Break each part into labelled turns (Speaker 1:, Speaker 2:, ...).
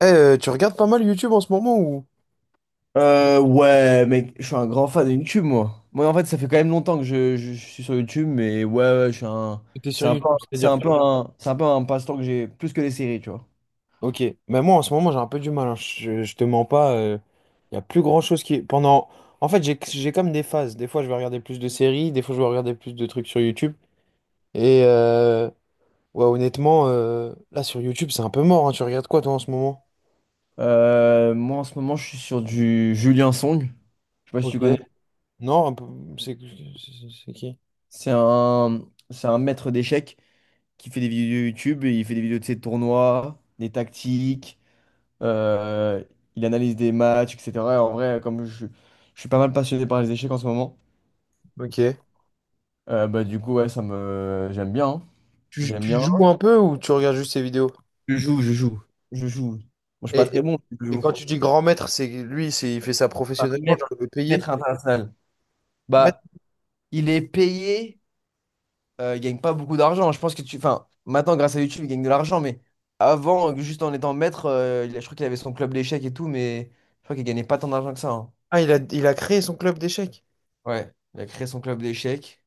Speaker 1: Eh, tu regardes pas mal YouTube en ce moment ou
Speaker 2: Ouais, mec, je suis un grand fan de YouTube, moi. Moi, en fait, ça fait quand même longtemps que je suis sur YouTube, mais ouais, ouais, je suis un.
Speaker 1: t'es
Speaker 2: C'est
Speaker 1: sur
Speaker 2: un peu,
Speaker 1: YouTube,
Speaker 2: c'est un peu un, c'est un peu un passe-temps que j'ai plus que les séries, tu vois.
Speaker 1: Ok, mais moi en ce moment j'ai un peu du mal, hein. Je te mens pas, il y a plus grand-chose En fait, j'ai comme des phases, des fois je vais regarder plus de séries, des fois je vais regarder plus de trucs sur YouTube, et ouais, honnêtement, là sur YouTube c'est un peu mort, hein. Tu regardes quoi, toi, en ce moment?
Speaker 2: Moi, en ce moment, je suis sur du Julien Song. Je sais pas si tu
Speaker 1: Ok.
Speaker 2: connais.
Speaker 1: Non, un peu- c'est qui?
Speaker 2: C'est un maître d'échecs qui fait des vidéos YouTube, et il fait des vidéos de ses tournois, des tactiques, euh, il analyse des matchs, etc. En vrai, comme je suis pas mal passionné par les échecs en ce moment.
Speaker 1: Ok.
Speaker 2: Bah du coup, ouais, ça me... J'aime bien, hein.
Speaker 1: Tu,
Speaker 2: J'aime
Speaker 1: tu
Speaker 2: bien.
Speaker 1: joues un peu ou tu regardes juste ses vidéos?
Speaker 2: Je joue, je joue, je joue. Bon, je suis pas
Speaker 1: Et,
Speaker 2: très
Speaker 1: et
Speaker 2: bon, je
Speaker 1: et
Speaker 2: joue.
Speaker 1: quand tu dis grand maître, c'est lui, c'est il fait ça
Speaker 2: Un
Speaker 1: professionnellement,
Speaker 2: maître,
Speaker 1: genre le payer.
Speaker 2: maître international. Bah, il est payé, il gagne pas beaucoup d'argent. Je pense que tu... Enfin, maintenant, grâce à YouTube, il gagne de l'argent, mais avant, juste en étant maître, je crois qu'il avait son club d'échecs et tout, mais je crois qu'il gagnait pas tant d'argent que ça, hein.
Speaker 1: Ah, il a créé son club d'échecs.
Speaker 2: Ouais, il a créé son club d'échecs.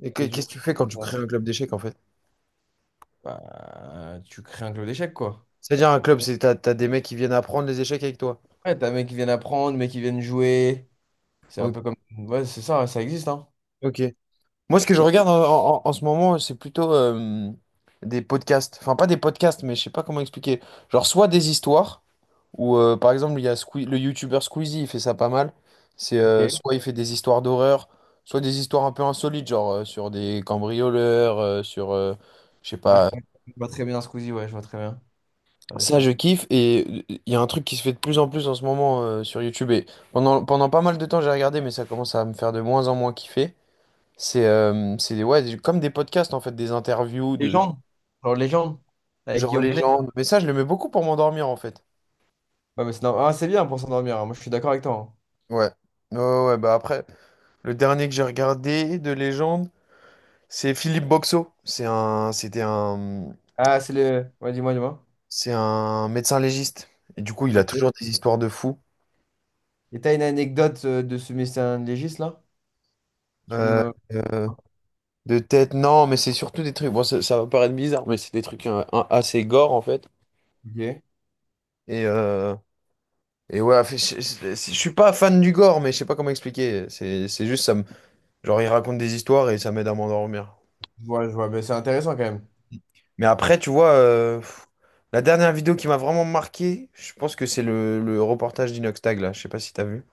Speaker 2: Et du
Speaker 1: Qu'est-ce que
Speaker 2: coup,
Speaker 1: tu fais quand tu
Speaker 2: ouais,
Speaker 1: crées un club d'échecs, en fait?
Speaker 2: bah, tu crées un club d'échecs, quoi.
Speaker 1: C'est-à-dire un club, c'est t'as des mecs qui viennent apprendre les échecs avec toi.
Speaker 2: Ouais, t'as des mecs qui viennent apprendre, mecs qui viennent jouer. C'est un
Speaker 1: O-
Speaker 2: peu comme. Ouais, c'est ça, ça existe, hein.
Speaker 1: Ok. Moi, ce que je
Speaker 2: Et...
Speaker 1: regarde en ce moment, c'est plutôt des podcasts. Enfin, pas des podcasts, mais je sais pas comment expliquer. Genre, soit des histoires, où par exemple, il y a le youtubeur Squeezie, il fait ça pas mal. C'est
Speaker 2: Ok, ouais,
Speaker 1: soit il fait des histoires d'horreur, soit des histoires un peu insolites, genre sur des cambrioleurs, je sais pas.
Speaker 2: je vois très bien Squeezie, ouais, je vois très bien. Voilà,
Speaker 1: Ça,
Speaker 2: c'est-
Speaker 1: je kiffe. Et il y a un truc qui se fait de plus en plus en ce moment sur YouTube. Et pendant pas mal de temps, j'ai regardé, mais ça commence à me faire de moins en moins kiffer. C'est ouais, comme des podcasts, en fait, des interviews de
Speaker 2: Légende? Genre Légende, avec
Speaker 1: genre
Speaker 2: Guillaume Play.
Speaker 1: légendes. Mais ça, je le mets beaucoup pour m'endormir, en fait.
Speaker 2: Ouais, mais ah, c'est bien pour s'endormir, hein. Moi je suis d'accord avec toi, hein.
Speaker 1: Ouais. Ouais, ouais, ouais, bah après, le dernier que j'ai regardé de légende, c'est Philippe Boxo.
Speaker 2: Ah, c'est le. Ouais, dis-moi, dis-moi.
Speaker 1: C'est un médecin légiste. Et du coup, il a
Speaker 2: Ok.
Speaker 1: toujours des histoires de fous.
Speaker 2: Et t'as une anecdote de ce mystère légiste là? Tu peux
Speaker 1: Euh,
Speaker 2: me.
Speaker 1: euh, De tête, non, mais c'est surtout des trucs. Bon, ça va paraître bizarre, mais c'est des trucs assez gore, en fait.
Speaker 2: Ok.
Speaker 1: Et, euh, je suis pas fan du gore, mais je sais pas comment expliquer. C'est juste, genre, ils racontent des histoires et ça m'aide à m'endormir.
Speaker 2: Je vois, mais c'est intéressant quand même.
Speaker 1: Mais après, tu vois, la dernière vidéo qui m'a vraiment marqué, je pense que c'est le reportage d'Inoxtag, là. Je sais pas si t'as vu.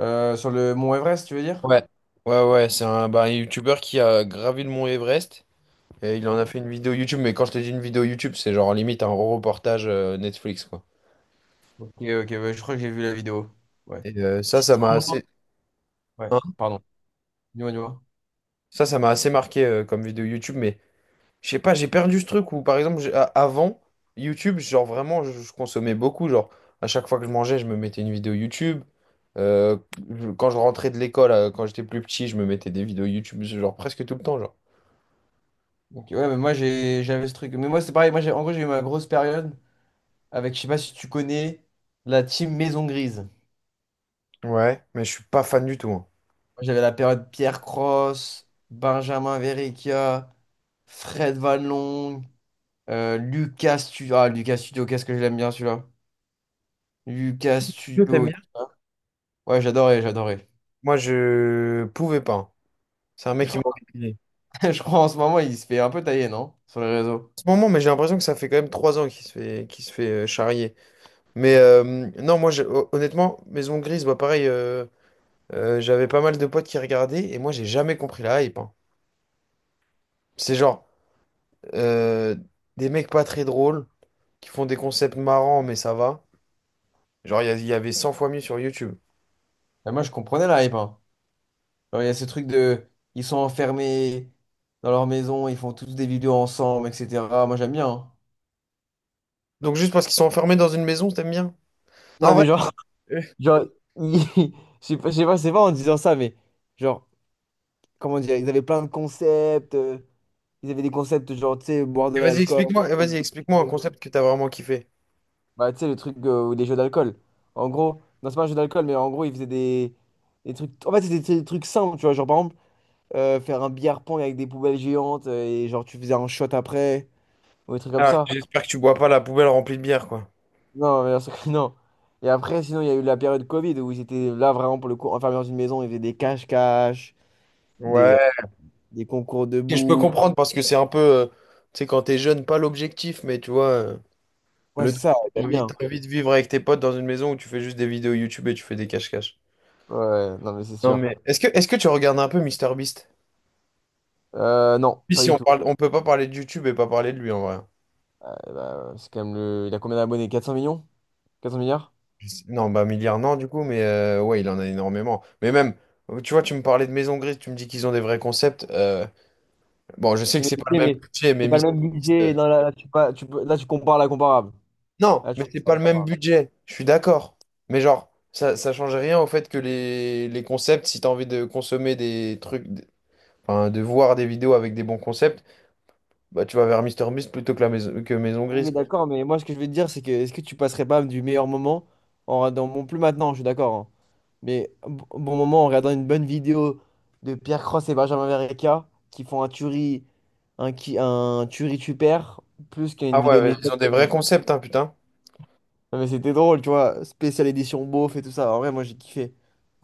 Speaker 2: Sur le Mont Everest, tu veux dire?
Speaker 1: Ouais. Ouais, ouais, c'est un youtubeur qui a gravi le mont Everest et il en a fait une vidéo YouTube. Mais quand je te dis une vidéo YouTube, c'est genre limite un reportage Netflix, quoi.
Speaker 2: Ok, ok, ouais, je crois que j'ai vu la vidéo. Ouais,
Speaker 1: Et
Speaker 2: ouais,
Speaker 1: hein,
Speaker 2: pardon. Dis-moi, dis-moi.
Speaker 1: ça m'a assez marqué comme vidéo YouTube, mais je sais pas, j'ai perdu ce truc où, par exemple, avant YouTube, genre vraiment, je consommais beaucoup. Genre, à chaque fois que je mangeais, je me mettais une vidéo YouTube. Euh, Quand je rentrais de l'école, quand j'étais plus petit, je me mettais des vidéos YouTube, genre presque tout le temps, genre.
Speaker 2: Ok, ouais, mais moi, j'avais ce truc. Mais moi, c'est pareil. Moi, j'ai, en gros, j'ai eu ma grosse période avec, je sais pas si tu connais, la team Maison Grise. Moi,
Speaker 1: Ouais, mais je suis pas fan du tout, hein.
Speaker 2: j'avais la période Pierre Cross, Benjamin Verrecchia, Fred Vallon, Lucas Studio. Ah, Lucas Studio, qu'est-ce que je l'aime bien celui-là. Lucas
Speaker 1: Yo, t'aimes
Speaker 2: Studio,
Speaker 1: bien?
Speaker 2: tu vois. Ouais, j'adorais, j'adorais.
Speaker 1: Moi, je pouvais pas, hein. C'est un
Speaker 2: Je
Speaker 1: mec qui m'a En
Speaker 2: crois, je crois en ce moment, il se fait un peu tailler, non? Sur les réseaux.
Speaker 1: ce moment, mais j'ai l'impression que ça fait quand même 3 ans qu'il se fait charrier. Mais non, moi, honnêtement, Maison Grise, bah, pareil, j'avais pas mal de potes qui regardaient et moi, j'ai jamais compris la hype, hein. C'est genre euh, des mecs pas très drôles qui font des concepts marrants, mais ça va. Genre, il y avait 100 fois mieux sur YouTube.
Speaker 2: Mais moi, je comprenais la hype, hein. Genre, il y a ce truc de. Ils sont enfermés dans leur maison, ils font tous des vidéos ensemble, etc. Moi, j'aime bien, hein.
Speaker 1: Donc, juste parce qu'ils sont enfermés dans une maison, t'aimes bien? Non, en
Speaker 2: Non,
Speaker 1: vrai,
Speaker 2: mais genre,
Speaker 1: euh,
Speaker 2: genre, ils- je sais pas, c'est pas en disant ça, mais genre, comment dire, ils avaient plein de concepts, ils avaient des concepts genre, tu sais, boire de l'alcool,
Speaker 1: vas-y, explique-moi un concept que t'as vraiment kiffé.
Speaker 2: bah, tu sais, le truc ou des jeux d'alcool. En gros, non, c'est pas un jeu d'alcool, mais en gros, ils faisaient des trucs, en fait, c'était des trucs simples, tu vois, genre, par exemple, faire un billard pong avec des poubelles géantes, et genre, tu faisais un shot après, ou des trucs comme
Speaker 1: Ah,
Speaker 2: ça.
Speaker 1: j'espère que tu bois pas la poubelle remplie de bière, quoi.
Speaker 2: Non, bien sûr que non. Et après, sinon, il y a eu la période Covid où ils étaient là vraiment pour le coup enfermés dans une maison, ils faisaient des cache-cache, des, euh,
Speaker 1: Ouais.
Speaker 2: des concours
Speaker 1: Et je peux
Speaker 2: debout.
Speaker 1: comprendre parce que c'est un peu, tu sais, quand t'es jeune, pas l'objectif, mais tu vois,
Speaker 2: Ouais,
Speaker 1: le
Speaker 2: c'est
Speaker 1: truc,
Speaker 2: ça,
Speaker 1: t'as
Speaker 2: t'aimes
Speaker 1: envie
Speaker 2: bien.
Speaker 1: t'as envie de vivre avec tes potes dans une maison où tu fais juste des vidéos YouTube et tu fais des cache-cache.
Speaker 2: Ouais, non, mais c'est
Speaker 1: Non,
Speaker 2: sûr.
Speaker 1: mais est-ce que tu regardes un peu MrBeast?
Speaker 2: Non,
Speaker 1: Puis
Speaker 2: pas
Speaker 1: si
Speaker 2: du
Speaker 1: on
Speaker 2: tout.
Speaker 1: parle, on peut pas parler de YouTube et pas parler de lui, en vrai.
Speaker 2: Bah, c'est quand même le. Il a combien d'abonnés? 400 millions? 400 milliards?
Speaker 1: Je sais- non, bah milliard non, du coup, mais ouais, il en a énormément. Mais même, tu vois, tu me parlais de Maison Grise, tu me dis qu'ils ont des vrais concepts. Bon, je sais que
Speaker 2: Oui,
Speaker 1: c'est pas le
Speaker 2: Mais,
Speaker 1: même
Speaker 2: mais
Speaker 1: budget, mais
Speaker 2: c'est pas
Speaker 1: MrBeast.
Speaker 2: le même budget. Non, là, tu, pas, tu peux- là, tu compares la comparable.
Speaker 1: Non,
Speaker 2: Là, tu
Speaker 1: mais c'est
Speaker 2: compares
Speaker 1: pas
Speaker 2: la
Speaker 1: le même
Speaker 2: comparable.
Speaker 1: budget, je suis d'accord. Mais genre, ça change rien au fait que les concepts, si t'as envie de consommer des trucs. Enfin, de voir des vidéos avec des bons concepts, bah tu vas vers MrBeast plutôt que la maison que Maison
Speaker 2: Oui,
Speaker 1: Grise.
Speaker 2: d'accord, mais moi, ce que je veux te dire, c'est que est-ce que tu passerais pas du meilleur moment en regardant, bon, plus maintenant, je suis d'accord, hein, mais un bon moment en regardant une bonne vidéo de Pierre Cross et Benjamin Verrecka qui font un tuerie, un tuerie tu perds, plus
Speaker 1: Ah
Speaker 2: qu'une vidéo de
Speaker 1: ouais, ils
Speaker 2: Mistral,
Speaker 1: ont des
Speaker 2: tu
Speaker 1: vrais
Speaker 2: vois.
Speaker 1: concepts, hein, putain.
Speaker 2: Non, mais c'était drôle, tu vois, spéciale édition beauf et tout ça. En vrai, moi, j'ai kiffé.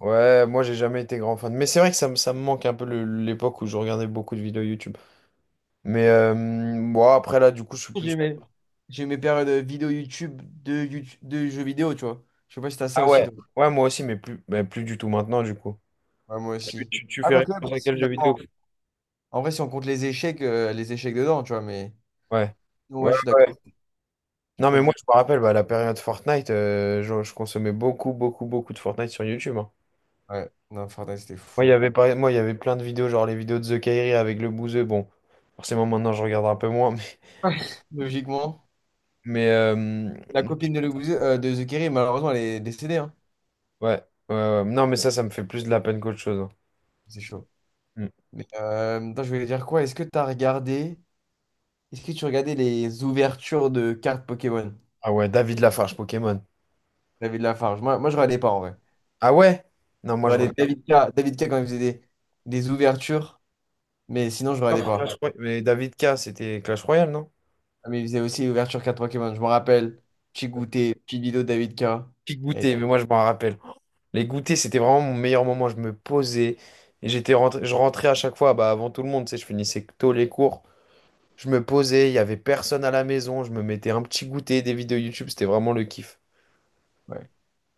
Speaker 1: Ouais, moi j'ai jamais été grand fan. Mais c'est vrai que ça me manque un peu l'époque où je regardais beaucoup de vidéos YouTube. Mais bon, après là, du coup, je suis plus.
Speaker 2: J'ai mes, j'ai mes périodes vidéo YouTube YouTube de jeux vidéo, tu vois. Je sais pas si t'as ça
Speaker 1: Ah
Speaker 2: aussi,
Speaker 1: ouais.
Speaker 2: toi.
Speaker 1: Ouais, moi aussi, mais plus du tout maintenant, du coup.
Speaker 2: Ouais, moi
Speaker 1: Tu,
Speaker 2: aussi.
Speaker 1: tu, tu
Speaker 2: Ah,
Speaker 1: fais
Speaker 2: quoique, bah,
Speaker 1: référence à
Speaker 2: si,
Speaker 1: quel jeu vidéo?
Speaker 2: maintenant, en vrai, si on compte les échecs dedans, tu vois, mais.
Speaker 1: Ouais.
Speaker 2: Ouais,
Speaker 1: Ouais,
Speaker 2: je suis d'accord.
Speaker 1: ouais.
Speaker 2: C'est
Speaker 1: Non,
Speaker 2: trop
Speaker 1: mais moi,
Speaker 2: dur.
Speaker 1: je me rappelle, bah, la période Fortnite, je consommais beaucoup, beaucoup, beaucoup de Fortnite sur YouTube, hein.
Speaker 2: Ouais, non, Fortnite, c'était
Speaker 1: Moi, il y
Speaker 2: fou.
Speaker 1: avait pas... Moi, il y avait plein de vidéos, genre les vidéos de The Kairi avec le bouseux. Bon, forcément, maintenant, je regarde un peu moins.
Speaker 2: Ouais. Logiquement.
Speaker 1: Ouais.
Speaker 2: La copine de The Kerry, malheureusement, elle est décédée, hein.
Speaker 1: Ouais, ouais. Non, mais ça me fait plus de la peine qu'autre chose, hein.
Speaker 2: C'est chaud.
Speaker 1: Mm.
Speaker 2: Mais attends, je voulais dire quoi? Est-ce que tu as regardé. Est-ce que tu regardais les ouvertures de cartes Pokémon?
Speaker 1: Ah ouais, David Lafarge, Pokémon.
Speaker 2: David Lafarge. Moi, je regardais pas en vrai.
Speaker 1: Ah ouais? Non,
Speaker 2: Je
Speaker 1: moi, je
Speaker 2: regardais
Speaker 1: regarde
Speaker 2: David K quand il faisait des ouvertures, mais sinon, je regardais
Speaker 1: encore
Speaker 2: pas.
Speaker 1: Clash Royale. Mais David K, c'était Clash Royale, non?
Speaker 2: Ah, mais il faisait aussi ouvertures cartes Pokémon. Je me rappelle. Petit goûter, petite vidéo de David K.
Speaker 1: Pique
Speaker 2: Et,
Speaker 1: goûter, mais moi, je m'en rappelle. Les goûters, c'était vraiment mon meilleur moment. Je me posais. Je rentrais à chaque fois, bah, avant tout le monde, tu sais, je finissais tôt les cours. Je me posais, il y avait personne à la maison. Je me mettais un petit goûter, des vidéos YouTube. C'était vraiment le kiff.
Speaker 2: ouais.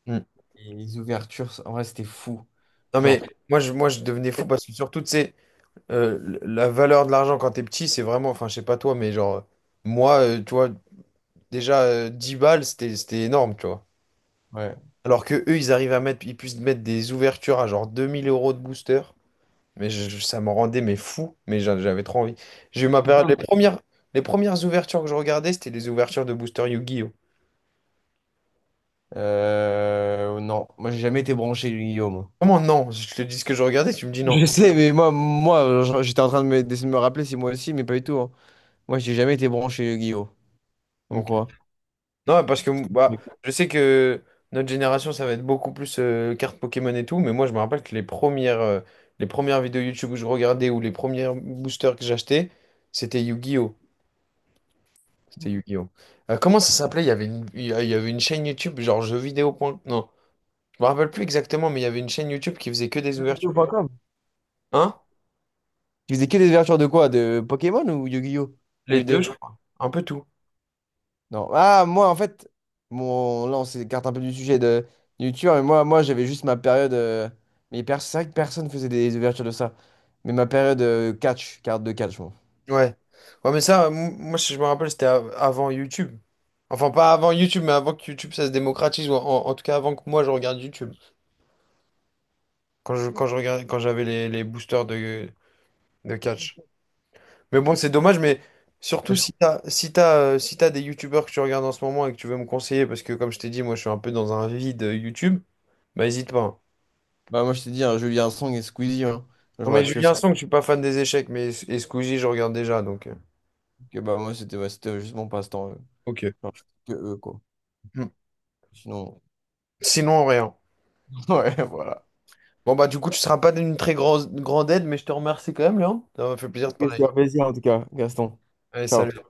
Speaker 1: Mm.
Speaker 2: Et les ouvertures, en vrai, c'était fou.
Speaker 1: Non, mais
Speaker 2: Genre,
Speaker 1: moi je devenais fou parce que, surtout, tu sais, euh, la valeur de l'argent quand t'es petit, c'est vraiment, enfin, je sais pas toi, mais genre, moi, tu vois, déjà 10 balles c'était énorme, tu vois,
Speaker 2: ouais.
Speaker 1: alors que eux ils puissent mettre des ouvertures à genre 2000 euros de booster, mais ça m'en rendait mais fou, mais j'avais trop envie. J'ai eu ma période, les
Speaker 2: Putain.
Speaker 1: premières les premières ouvertures que je regardais, c'était les ouvertures de booster Yu-Gi-Oh!
Speaker 2: Non, moi, j'ai jamais été branché, Guillaume.
Speaker 1: Comment non? Je te dis ce que je regardais, tu me dis non.
Speaker 2: Je sais, mais moi, j'étais en train de me rappeler si moi aussi, mais pas du tout, hein. Moi, j'ai jamais été branché, Guillaume. Pourquoi?
Speaker 1: Non, parce que bah,
Speaker 2: Mais
Speaker 1: je sais que notre génération, ça va être beaucoup plus cartes Pokémon et tout, mais moi, je me rappelle que les premières vidéos YouTube que je regardais ou les premiers boosters que j'achetais, c'était Yu-Gi-Oh! C'était Yu-Gi-Oh! Comment ça s'appelait? Il y avait une chaîne YouTube, genre jeux vidéo. Non, je me rappelle plus exactement, mais il y avait une chaîne YouTube qui faisait que des ouvertures.
Speaker 2: Crypto.com.
Speaker 1: Hein?
Speaker 2: Tu faisais que des ouvertures de quoi? De Pokémon ou Yu-Gi-Oh? Ou
Speaker 1: Les
Speaker 2: les
Speaker 1: deux,
Speaker 2: deux?
Speaker 1: je crois. Un peu tout.
Speaker 2: Non. Ah, moi, en fait, mon... là, on s'écarte un peu du sujet de du youtubeur, mais moi j'avais juste ma période. C'est vrai que personne faisait des ouvertures de ça. Mais ma période catch, carte de catch, moi.
Speaker 1: Ouais. Ouais, mais ça, moi, si je me rappelle, c'était avant YouTube. Enfin, pas avant YouTube, mais avant que YouTube, ça se démocratise, ou en tout cas, avant que moi, je regarde YouTube. Quand je regardais, quand j'avais les boosters de catch. Mais bon, c'est dommage, mais
Speaker 2: Ouais,
Speaker 1: surtout
Speaker 2: je-
Speaker 1: si si t'as des YouTubeurs que tu regardes en ce moment et que tu veux me conseiller, parce que, comme je t'ai dit, moi, je suis un peu dans un vide YouTube, bah, hésite pas, hein.
Speaker 2: Bah, moi, je t'ai dit, hein, Julien Song et Squeezie, hein. Je
Speaker 1: Non, mais
Speaker 2: regarde que ça.
Speaker 1: Julien Song, je suis pas fan des échecs, mais et Squeezie, je regarde déjà, donc
Speaker 2: Bah, moi, c'était ouais, c'était juste mon passe-temps.
Speaker 1: Ok.
Speaker 2: Genre, je- que eux, quoi.
Speaker 1: Hmm.
Speaker 2: Sinon,
Speaker 1: Sinon, rien.
Speaker 2: ouais, voilà.
Speaker 1: Bon, bah, du coup, tu seras pas d'une très grosse grande aide, mais je te remercie quand même, Léon. Ça m'a fait plaisir de
Speaker 2: Ok,
Speaker 1: parler.
Speaker 2: c'était un plaisir, en tout cas, Gaston.
Speaker 1: Allez,
Speaker 2: Ciao.
Speaker 1: salut.